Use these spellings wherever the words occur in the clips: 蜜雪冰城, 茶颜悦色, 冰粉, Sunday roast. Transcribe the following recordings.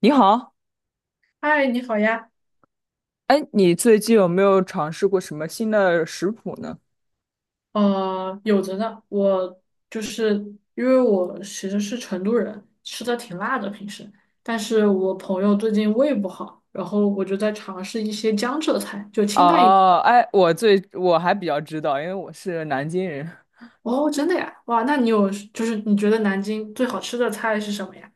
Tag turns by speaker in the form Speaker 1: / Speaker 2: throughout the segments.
Speaker 1: 你好，
Speaker 2: 嗨，你好呀。
Speaker 1: 哎，你最近有没有尝试过什么新的食谱呢？
Speaker 2: 有着呢。我就是因为我其实是成都人，吃的挺辣的平时，但是我朋友最近胃不好，然后我就在尝试一些江浙菜，就清淡一点。
Speaker 1: 哦，哎，我还比较知道，因为我是南京人，
Speaker 2: 哦，真的呀？哇，那你有就是你觉得南京最好吃的菜是什么呀？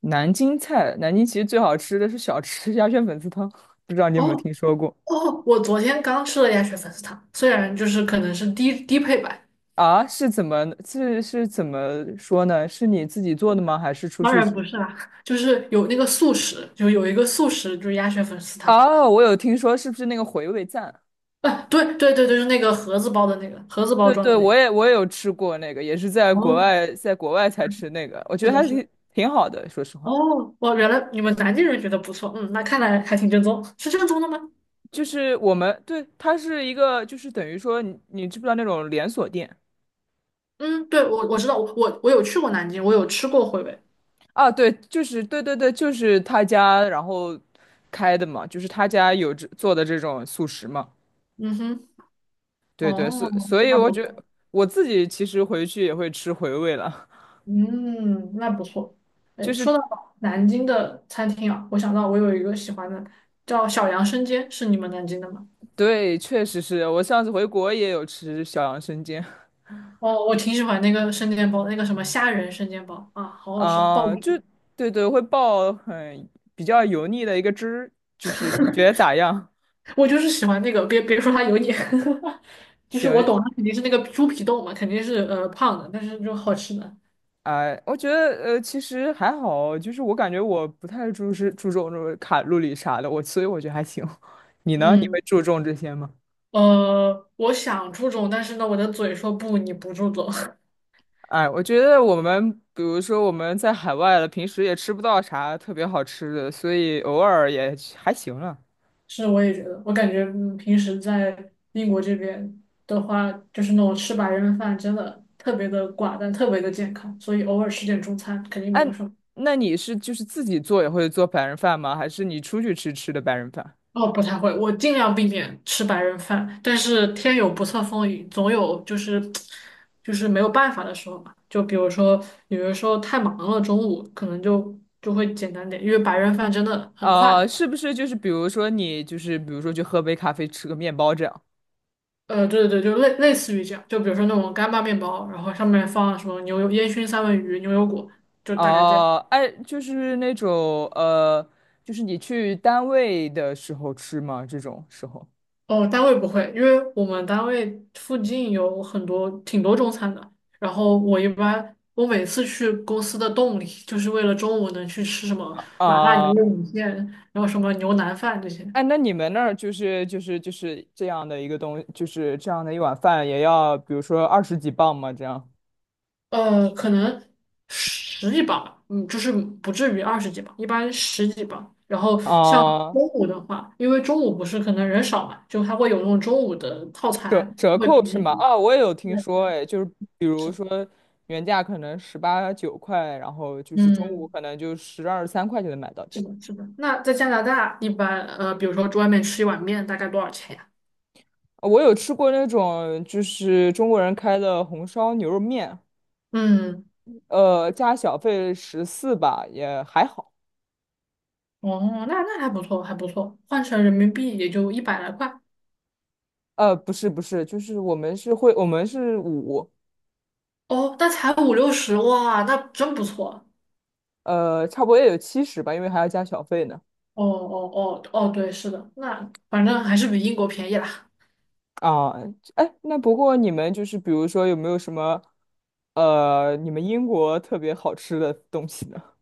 Speaker 1: 南京菜，南京其实最好吃的是小吃 鸭血粉丝汤，不知道你有没有
Speaker 2: 哦
Speaker 1: 听说过
Speaker 2: 哦，我昨天刚吃了鸭血粉丝汤，虽然就是可能是低配版，
Speaker 1: 啊？是怎么是是怎么说呢？是你自己做的吗？还是出
Speaker 2: 当
Speaker 1: 去
Speaker 2: 然
Speaker 1: 吃？
Speaker 2: 不是啦，就是有那个速食，就是鸭血粉丝汤。
Speaker 1: 哦，我有听说，是不是那个回味赞？
Speaker 2: 啊，对对对对，就是那个盒子包的那个盒子包
Speaker 1: 对
Speaker 2: 装
Speaker 1: 对，
Speaker 2: 的那
Speaker 1: 我
Speaker 2: 个。
Speaker 1: 也我也有吃过那个，也是在国
Speaker 2: 哦，
Speaker 1: 外在国外才吃那个，我觉
Speaker 2: 是
Speaker 1: 得
Speaker 2: 的，
Speaker 1: 还
Speaker 2: 是的。
Speaker 1: 挺好的，说实话。
Speaker 2: 哦，哇，原来你们南京人觉得不错，嗯，那看来还挺正宗，是正宗的吗？
Speaker 1: 就是我们对，它是一个，就是等于说你知不知道那种连锁店
Speaker 2: 嗯，对，我知道，我有去过南京，我有吃过回味。
Speaker 1: 啊？对，就是对对对，就是他家然后开的嘛，就是他家有这做的这种素食嘛。
Speaker 2: 嗯哼，
Speaker 1: 对对，
Speaker 2: 哦，
Speaker 1: 所以
Speaker 2: 那
Speaker 1: 我
Speaker 2: 不
Speaker 1: 觉
Speaker 2: 错，
Speaker 1: 得我自己其实回去也会吃回味了，
Speaker 2: 嗯，那不错。
Speaker 1: 就
Speaker 2: 哎，
Speaker 1: 是
Speaker 2: 说到南京的餐厅啊，我想到我有一个喜欢的，叫小杨生煎，是你们南京的吗？
Speaker 1: 对，确实是我上次回国也有吃小杨生煎
Speaker 2: 哦，我挺喜欢那个生煎包，那个什么虾仁生煎包啊，好好吃，爆
Speaker 1: 啊，
Speaker 2: 米
Speaker 1: 就对对会爆很比较油腻的一个汁儿，就是你觉得咋样？
Speaker 2: 我就是喜欢那个，别说它油腻，就是我
Speaker 1: 行，
Speaker 2: 懂，它肯定是那个猪皮冻嘛，肯定是胖的，但是就好吃的。
Speaker 1: 哎，我觉得其实还好，就是我感觉我不太注是注重这种卡路里啥的，我所以我觉得还行。你呢？你
Speaker 2: 嗯，
Speaker 1: 会注重这些吗？
Speaker 2: 我想注重，但是呢，我的嘴说不，你不注重。
Speaker 1: 哎，我觉得比如说我们在海外了，平时也吃不到啥特别好吃的，所以偶尔也还行了。
Speaker 2: 是，我也觉得，我感觉平时在英国这边的话，就是那种吃白人饭真的特别的寡淡，特别的健康，所以偶尔吃点中餐肯定没
Speaker 1: 哎，
Speaker 2: 有什么。
Speaker 1: 那你是就是自己做也会做白人饭吗？还是你出去吃白人饭？
Speaker 2: 哦，不太会，我尽量避免吃白人饭，但是天有不测风云，总有就是就是没有办法的时候嘛。就比如说，有的时候太忙了，中午可能就就会简单点，因为白人饭真的很快。
Speaker 1: 啊，是不是就是比如说去喝杯咖啡吃个面包这样？
Speaker 2: 对对对，就类似于这样，就比如说那种干巴面包，然后上面放什么牛油烟熏三文鱼、牛油果，就大概这样。
Speaker 1: 哦，哎，就是那种就是你去单位的时候吃吗？这种时候
Speaker 2: 哦，单位不会，因为我们单位附近有很多挺多中餐的。然后我一般，我每次去公司的动力就是为了中午能去吃什么麻辣牛
Speaker 1: 啊，
Speaker 2: 肉米线，然后什么牛腩饭这些。
Speaker 1: 哎，那你们那儿就是这样的一个东，就是这样的一碗饭也要，比如说二十几磅吗？这样
Speaker 2: 可能十几磅吧，嗯，就是不至于二十几磅，一般十几磅。然后像
Speaker 1: 啊，
Speaker 2: 中午的话，因为中午不是可能人少嘛，就它会有那种中午的套
Speaker 1: 折
Speaker 2: 餐，
Speaker 1: 折
Speaker 2: 会
Speaker 1: 扣
Speaker 2: 便
Speaker 1: 是
Speaker 2: 宜一
Speaker 1: 吗？
Speaker 2: 点。
Speaker 1: 啊，我也有听
Speaker 2: 对，
Speaker 1: 说，哎，就是比如说原价可能十八九块，然后就是中午
Speaker 2: 嗯。
Speaker 1: 可能就十二三块就能买到这
Speaker 2: 是
Speaker 1: 样。
Speaker 2: 的，是的。那在加拿大，一般比如说外面吃一碗面，大概多少钱呀？
Speaker 1: 我有吃过那种就是中国人开的红烧牛肉面。
Speaker 2: 嗯，
Speaker 1: 加小费十四吧，也还好。
Speaker 2: 哦，那那还不错，还不错，换成人民币也就一百来块。
Speaker 1: 不是不是，就是我们是会，我们是五，
Speaker 2: 哦，那才五六十，哇，那真不错。
Speaker 1: 差不多也有七十吧，因为还要加小费呢。
Speaker 2: 哦哦哦哦，对，是的，那反正还是比英国便宜啦。
Speaker 1: 啊，哎，那不过你们就是比如说有没有什么，你们英国特别好吃的东西呢？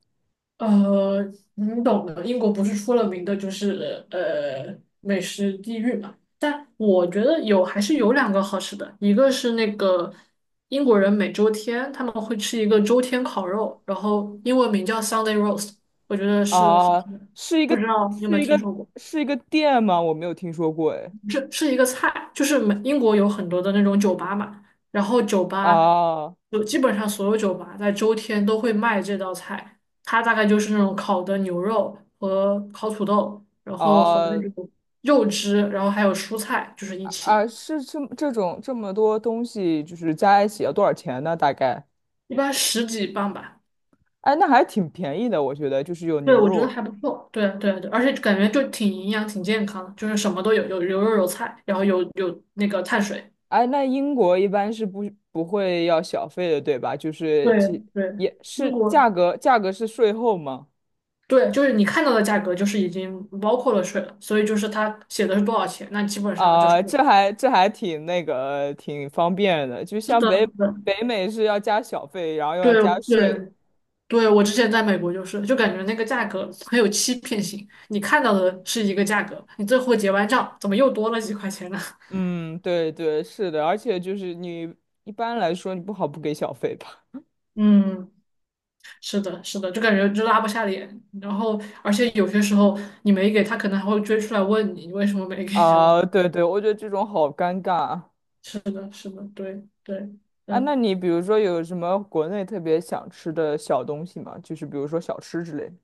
Speaker 2: 呃，你懂的，英国不是出了名的就是美食地狱嘛？但我觉得还是有两个好吃的，一个是那个英国人每周天他们会吃一个周天烤肉，然后英文名叫 Sunday roast，我觉得是好
Speaker 1: 啊，
Speaker 2: 吃的，
Speaker 1: 是一
Speaker 2: 不
Speaker 1: 个
Speaker 2: 知道你有
Speaker 1: 是
Speaker 2: 没有
Speaker 1: 一
Speaker 2: 听
Speaker 1: 个
Speaker 2: 说过？
Speaker 1: 是一个店吗？我没有听说过，哎。
Speaker 2: 这是一个菜，就是英国有很多的那种酒吧嘛，然后酒吧
Speaker 1: 啊
Speaker 2: 有基本上所有酒吧在周天都会卖这道菜，它大概就是那种烤的牛肉和烤土豆，然后和
Speaker 1: 啊
Speaker 2: 那种肉汁，然后还有蔬菜，就是一
Speaker 1: 啊！
Speaker 2: 起，
Speaker 1: 这么多东西，就是加一起要多少钱呢？大概？
Speaker 2: 一般十几磅吧。
Speaker 1: 哎，那还挺便宜的，我觉得就是有
Speaker 2: 对，
Speaker 1: 牛
Speaker 2: 我觉得
Speaker 1: 肉。
Speaker 2: 还不错。对对对啊，而且感觉就挺营养、挺健康的，就是什么都有，有牛肉有菜，然后有那个碳水。
Speaker 1: 哎，那英国一般是不会要小费的，对吧？就是
Speaker 2: 对
Speaker 1: 其
Speaker 2: 对，
Speaker 1: 也
Speaker 2: 英
Speaker 1: 是
Speaker 2: 国。
Speaker 1: 价格，价格是税后吗？
Speaker 2: 对，就是你看到的价格就是已经包括了税了，所以就是它写的是多少钱，那基本上就是
Speaker 1: 啊、这还挺那个挺方便的，就
Speaker 2: 是
Speaker 1: 像
Speaker 2: 的，
Speaker 1: 北
Speaker 2: 是的，
Speaker 1: 北美是要加小费，然后又
Speaker 2: 对
Speaker 1: 要加税。
Speaker 2: 对对，我之前在美国就是，就感觉那个价格很有欺骗性，你看到的是一个价格，你最后结完账怎么又多了几块钱呢？
Speaker 1: 嗯，对对，是的，而且就是你一般来说你不好不给小费吧？
Speaker 2: 嗯，是的，是的，就感觉就拉不下脸，然后而且有些时候你没给他，可能还会追出来问你为什么没给，交？
Speaker 1: 啊、对对，我觉得这种好尴尬啊。
Speaker 2: 是的，是的，对对。
Speaker 1: 啊，那
Speaker 2: 嗯。
Speaker 1: 你比如说有什么国内特别想吃的小东西吗？就是比如说小吃之类的。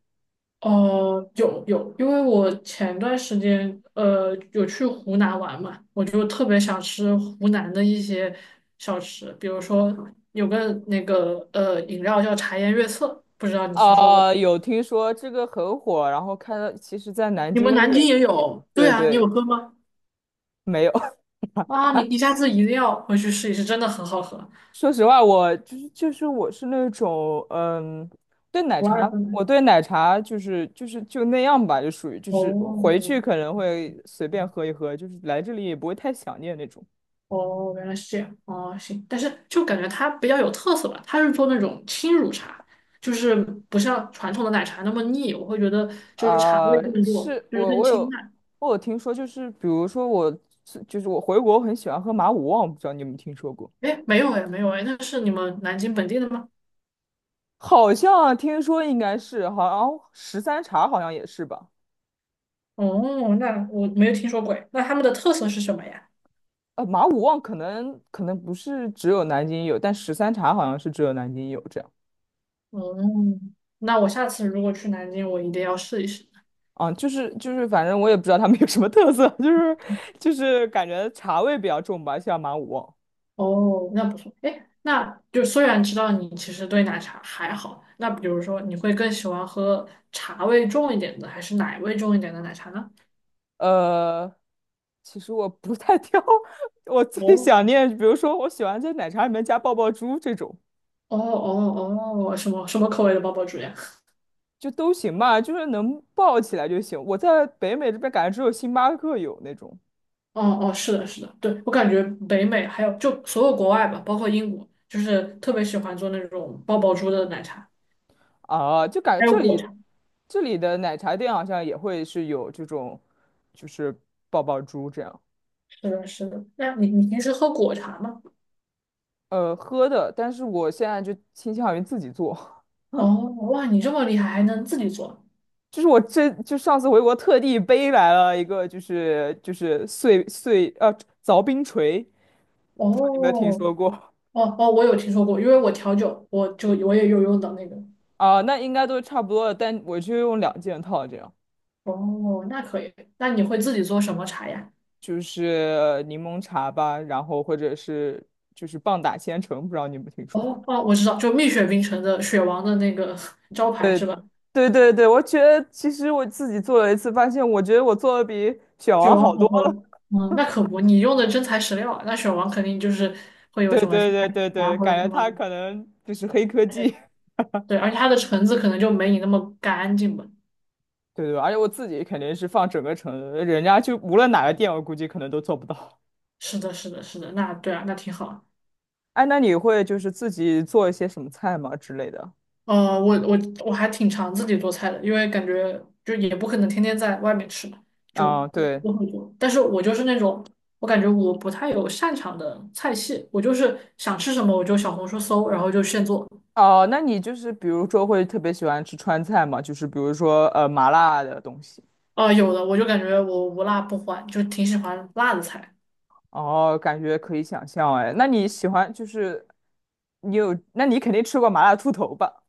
Speaker 2: 哦，有有，因为我前段时间有去湖南玩嘛，我就特别想吃湖南的一些小吃，比如说有个那个饮料叫茶颜悦色，不知道你听说过？
Speaker 1: 啊，有听说这个很火，然后看到其实在南
Speaker 2: 你们
Speaker 1: 京
Speaker 2: 南京
Speaker 1: 也，
Speaker 2: 也有？对
Speaker 1: 对
Speaker 2: 啊，你有
Speaker 1: 对，
Speaker 2: 喝吗？
Speaker 1: 没有。
Speaker 2: 啊，你下次一定要回去试一试，真的很好喝，
Speaker 1: 说实话，我就是就是我是那种对奶
Speaker 2: 不二
Speaker 1: 茶，
Speaker 2: 分奶
Speaker 1: 我对奶茶就那样吧，就属于就是回
Speaker 2: 哦，
Speaker 1: 去可能会随便喝一喝，就是来这里也不会太想念那种。
Speaker 2: 哦，原来是这样。哦，行，但是就感觉它比较有特色吧，它是做那种轻乳茶，就是不像传统的奶茶那么腻，我会觉得就是茶
Speaker 1: 啊、
Speaker 2: 味更重，就是更清淡。
Speaker 1: 我有听说，就是比如说我是就是我回国很喜欢喝马五旺，不知道你有没有听说过？
Speaker 2: 哎，没有哎，没有哎，那是你们南京本地的吗？
Speaker 1: 好像听说应该是，好像十三茶好像也是吧？
Speaker 2: 哦，那我没有听说过哎。那他们的特色是什么呀？
Speaker 1: 马五旺可能不是只有南京有，但十三茶好像是只有南京有这样。
Speaker 2: 哦，那我下次如果去南京，我一定要试一试。
Speaker 1: 啊，反正我也不知道他们有什么特色，感觉茶味比较重吧，像马五旺。
Speaker 2: 哦，那不错。哎，那就虽然知道你其实对奶茶还好，那比如说你会更喜欢喝茶味重一点的，还是奶味重一点的奶茶呢？
Speaker 1: 呃，其实我不太挑，我最
Speaker 2: 哦
Speaker 1: 想念，比如说我喜欢在奶茶里面加爆爆珠这种，
Speaker 2: 哦哦哦，什么什么口味的包包珠呀？
Speaker 1: 就都行吧，就是能爆起来就行。我在北美这边感觉只有星巴克有那种
Speaker 2: 哦哦，是的，是的，对，我感觉北美还有就所有国外吧，包括英国，就是特别喜欢做那种爆爆珠的奶茶，
Speaker 1: 啊，就感
Speaker 2: 还
Speaker 1: 觉
Speaker 2: 有
Speaker 1: 这
Speaker 2: 果
Speaker 1: 里
Speaker 2: 茶。
Speaker 1: 这里的奶茶店好像也会是有这种，就是爆爆珠这样，
Speaker 2: 是的，是的。那你平时喝果茶吗？
Speaker 1: 喝的。但是我现在就倾向于自己做，
Speaker 2: 哦，哇，你这么厉害，还能自己做？
Speaker 1: 就是我这就上次回国特地背来了一个，就是就是碎碎呃凿冰锤，你
Speaker 2: 哦，
Speaker 1: 有没有听说过？
Speaker 2: 哦哦，我有听说过，因为我调酒，我也有用到那个。
Speaker 1: 啊，那应该都差不多了，但我就用两件套这样，
Speaker 2: 哦，那可以。那你会自己做什么茶呀？
Speaker 1: 就是柠檬茶吧，然后或者是就是棒打千层，不知道你有没有听说过？
Speaker 2: 哦哦，我知道，就蜜雪冰城的雪王的那个 招牌
Speaker 1: 对，
Speaker 2: 是吧？
Speaker 1: 对对对，我觉得其实我自己做了一次，发现我觉得我做的比选
Speaker 2: 雪
Speaker 1: 王好
Speaker 2: 王
Speaker 1: 多
Speaker 2: 红
Speaker 1: 了。
Speaker 2: 红，嗯，那可不，你用的真材实料啊。那雪王肯定会有
Speaker 1: 对
Speaker 2: 什么添
Speaker 1: 对对对
Speaker 2: 加啊，
Speaker 1: 对，
Speaker 2: 或
Speaker 1: 感
Speaker 2: 者什
Speaker 1: 觉
Speaker 2: 么
Speaker 1: 他
Speaker 2: 的
Speaker 1: 可能就是黑科技。
Speaker 2: 对，而且它的橙子可能就没你那么干净吧。
Speaker 1: 对对，而且我自己肯定是放整个城，人家就无论哪个店，我估计可能都做不到。
Speaker 2: 是的，是的，是的，那对啊，那挺好。
Speaker 1: 哎，那你会就是自己做一些什么菜吗之类的？
Speaker 2: 呃，我我我还挺常自己做菜的，因为感觉就也不可能天天在外面吃嘛就
Speaker 1: 啊，对。
Speaker 2: 我会做。但是我就是那种，我感觉我不太有擅长的菜系，我就是想吃什么我就小红书搜，然后就现做。
Speaker 1: 哦，那你就是比如说会特别喜欢吃川菜吗？就是比如说麻辣的东西。
Speaker 2: 啊、有的我就感觉我无辣不欢，就挺喜欢辣的菜。
Speaker 1: 哦，感觉可以想象哎。那你喜欢就是你有，那你肯定吃过麻辣兔头吧？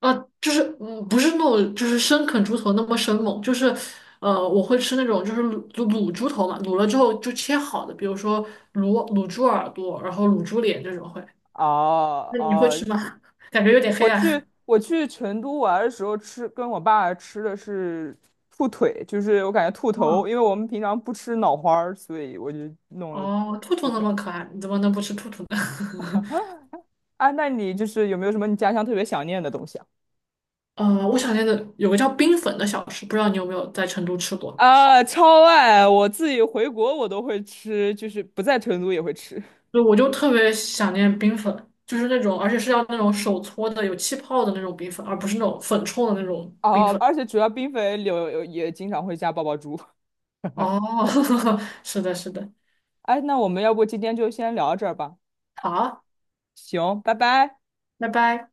Speaker 2: 啊、就是嗯，不是那种就是生啃猪头那么生猛，就是我会吃那种就是卤猪头嘛，卤了之后就切好的，比如说卤猪耳朵，然后卤猪脸这种会。
Speaker 1: 哦
Speaker 2: 那你会
Speaker 1: 哦，
Speaker 2: 吃吗？感觉有点黑
Speaker 1: 我去
Speaker 2: 暗。
Speaker 1: 我去成都玩的时候吃，跟我爸吃的是兔腿，就是我感觉兔头，
Speaker 2: 嗯，
Speaker 1: 因为我们平常不吃脑花儿所以我就弄了
Speaker 2: 哦，兔兔
Speaker 1: 兔
Speaker 2: 那
Speaker 1: 腿。
Speaker 2: 么可爱，你怎么能不吃兔兔呢？
Speaker 1: 啊，那你就是有没有什么你家乡特别想念的东西啊？
Speaker 2: 我想念的有个叫冰粉的小吃，不知道你有没有在成都吃过？
Speaker 1: 啊，超爱！我自己回国我都会吃，就是不在成都也会吃。
Speaker 2: 对，我就特别想念冰粉，就是那种，而且是要那种手搓的、有气泡的那种冰粉，而不是那种粉冲的那种冰
Speaker 1: 哦，
Speaker 2: 粉。
Speaker 1: 而且主要冰粉里有也经常会加爆爆珠。
Speaker 2: 哦，是的，是的，
Speaker 1: 哎，那我们要不今天就先聊到这儿吧？
Speaker 2: 好，
Speaker 1: 行，拜拜。
Speaker 2: 拜拜。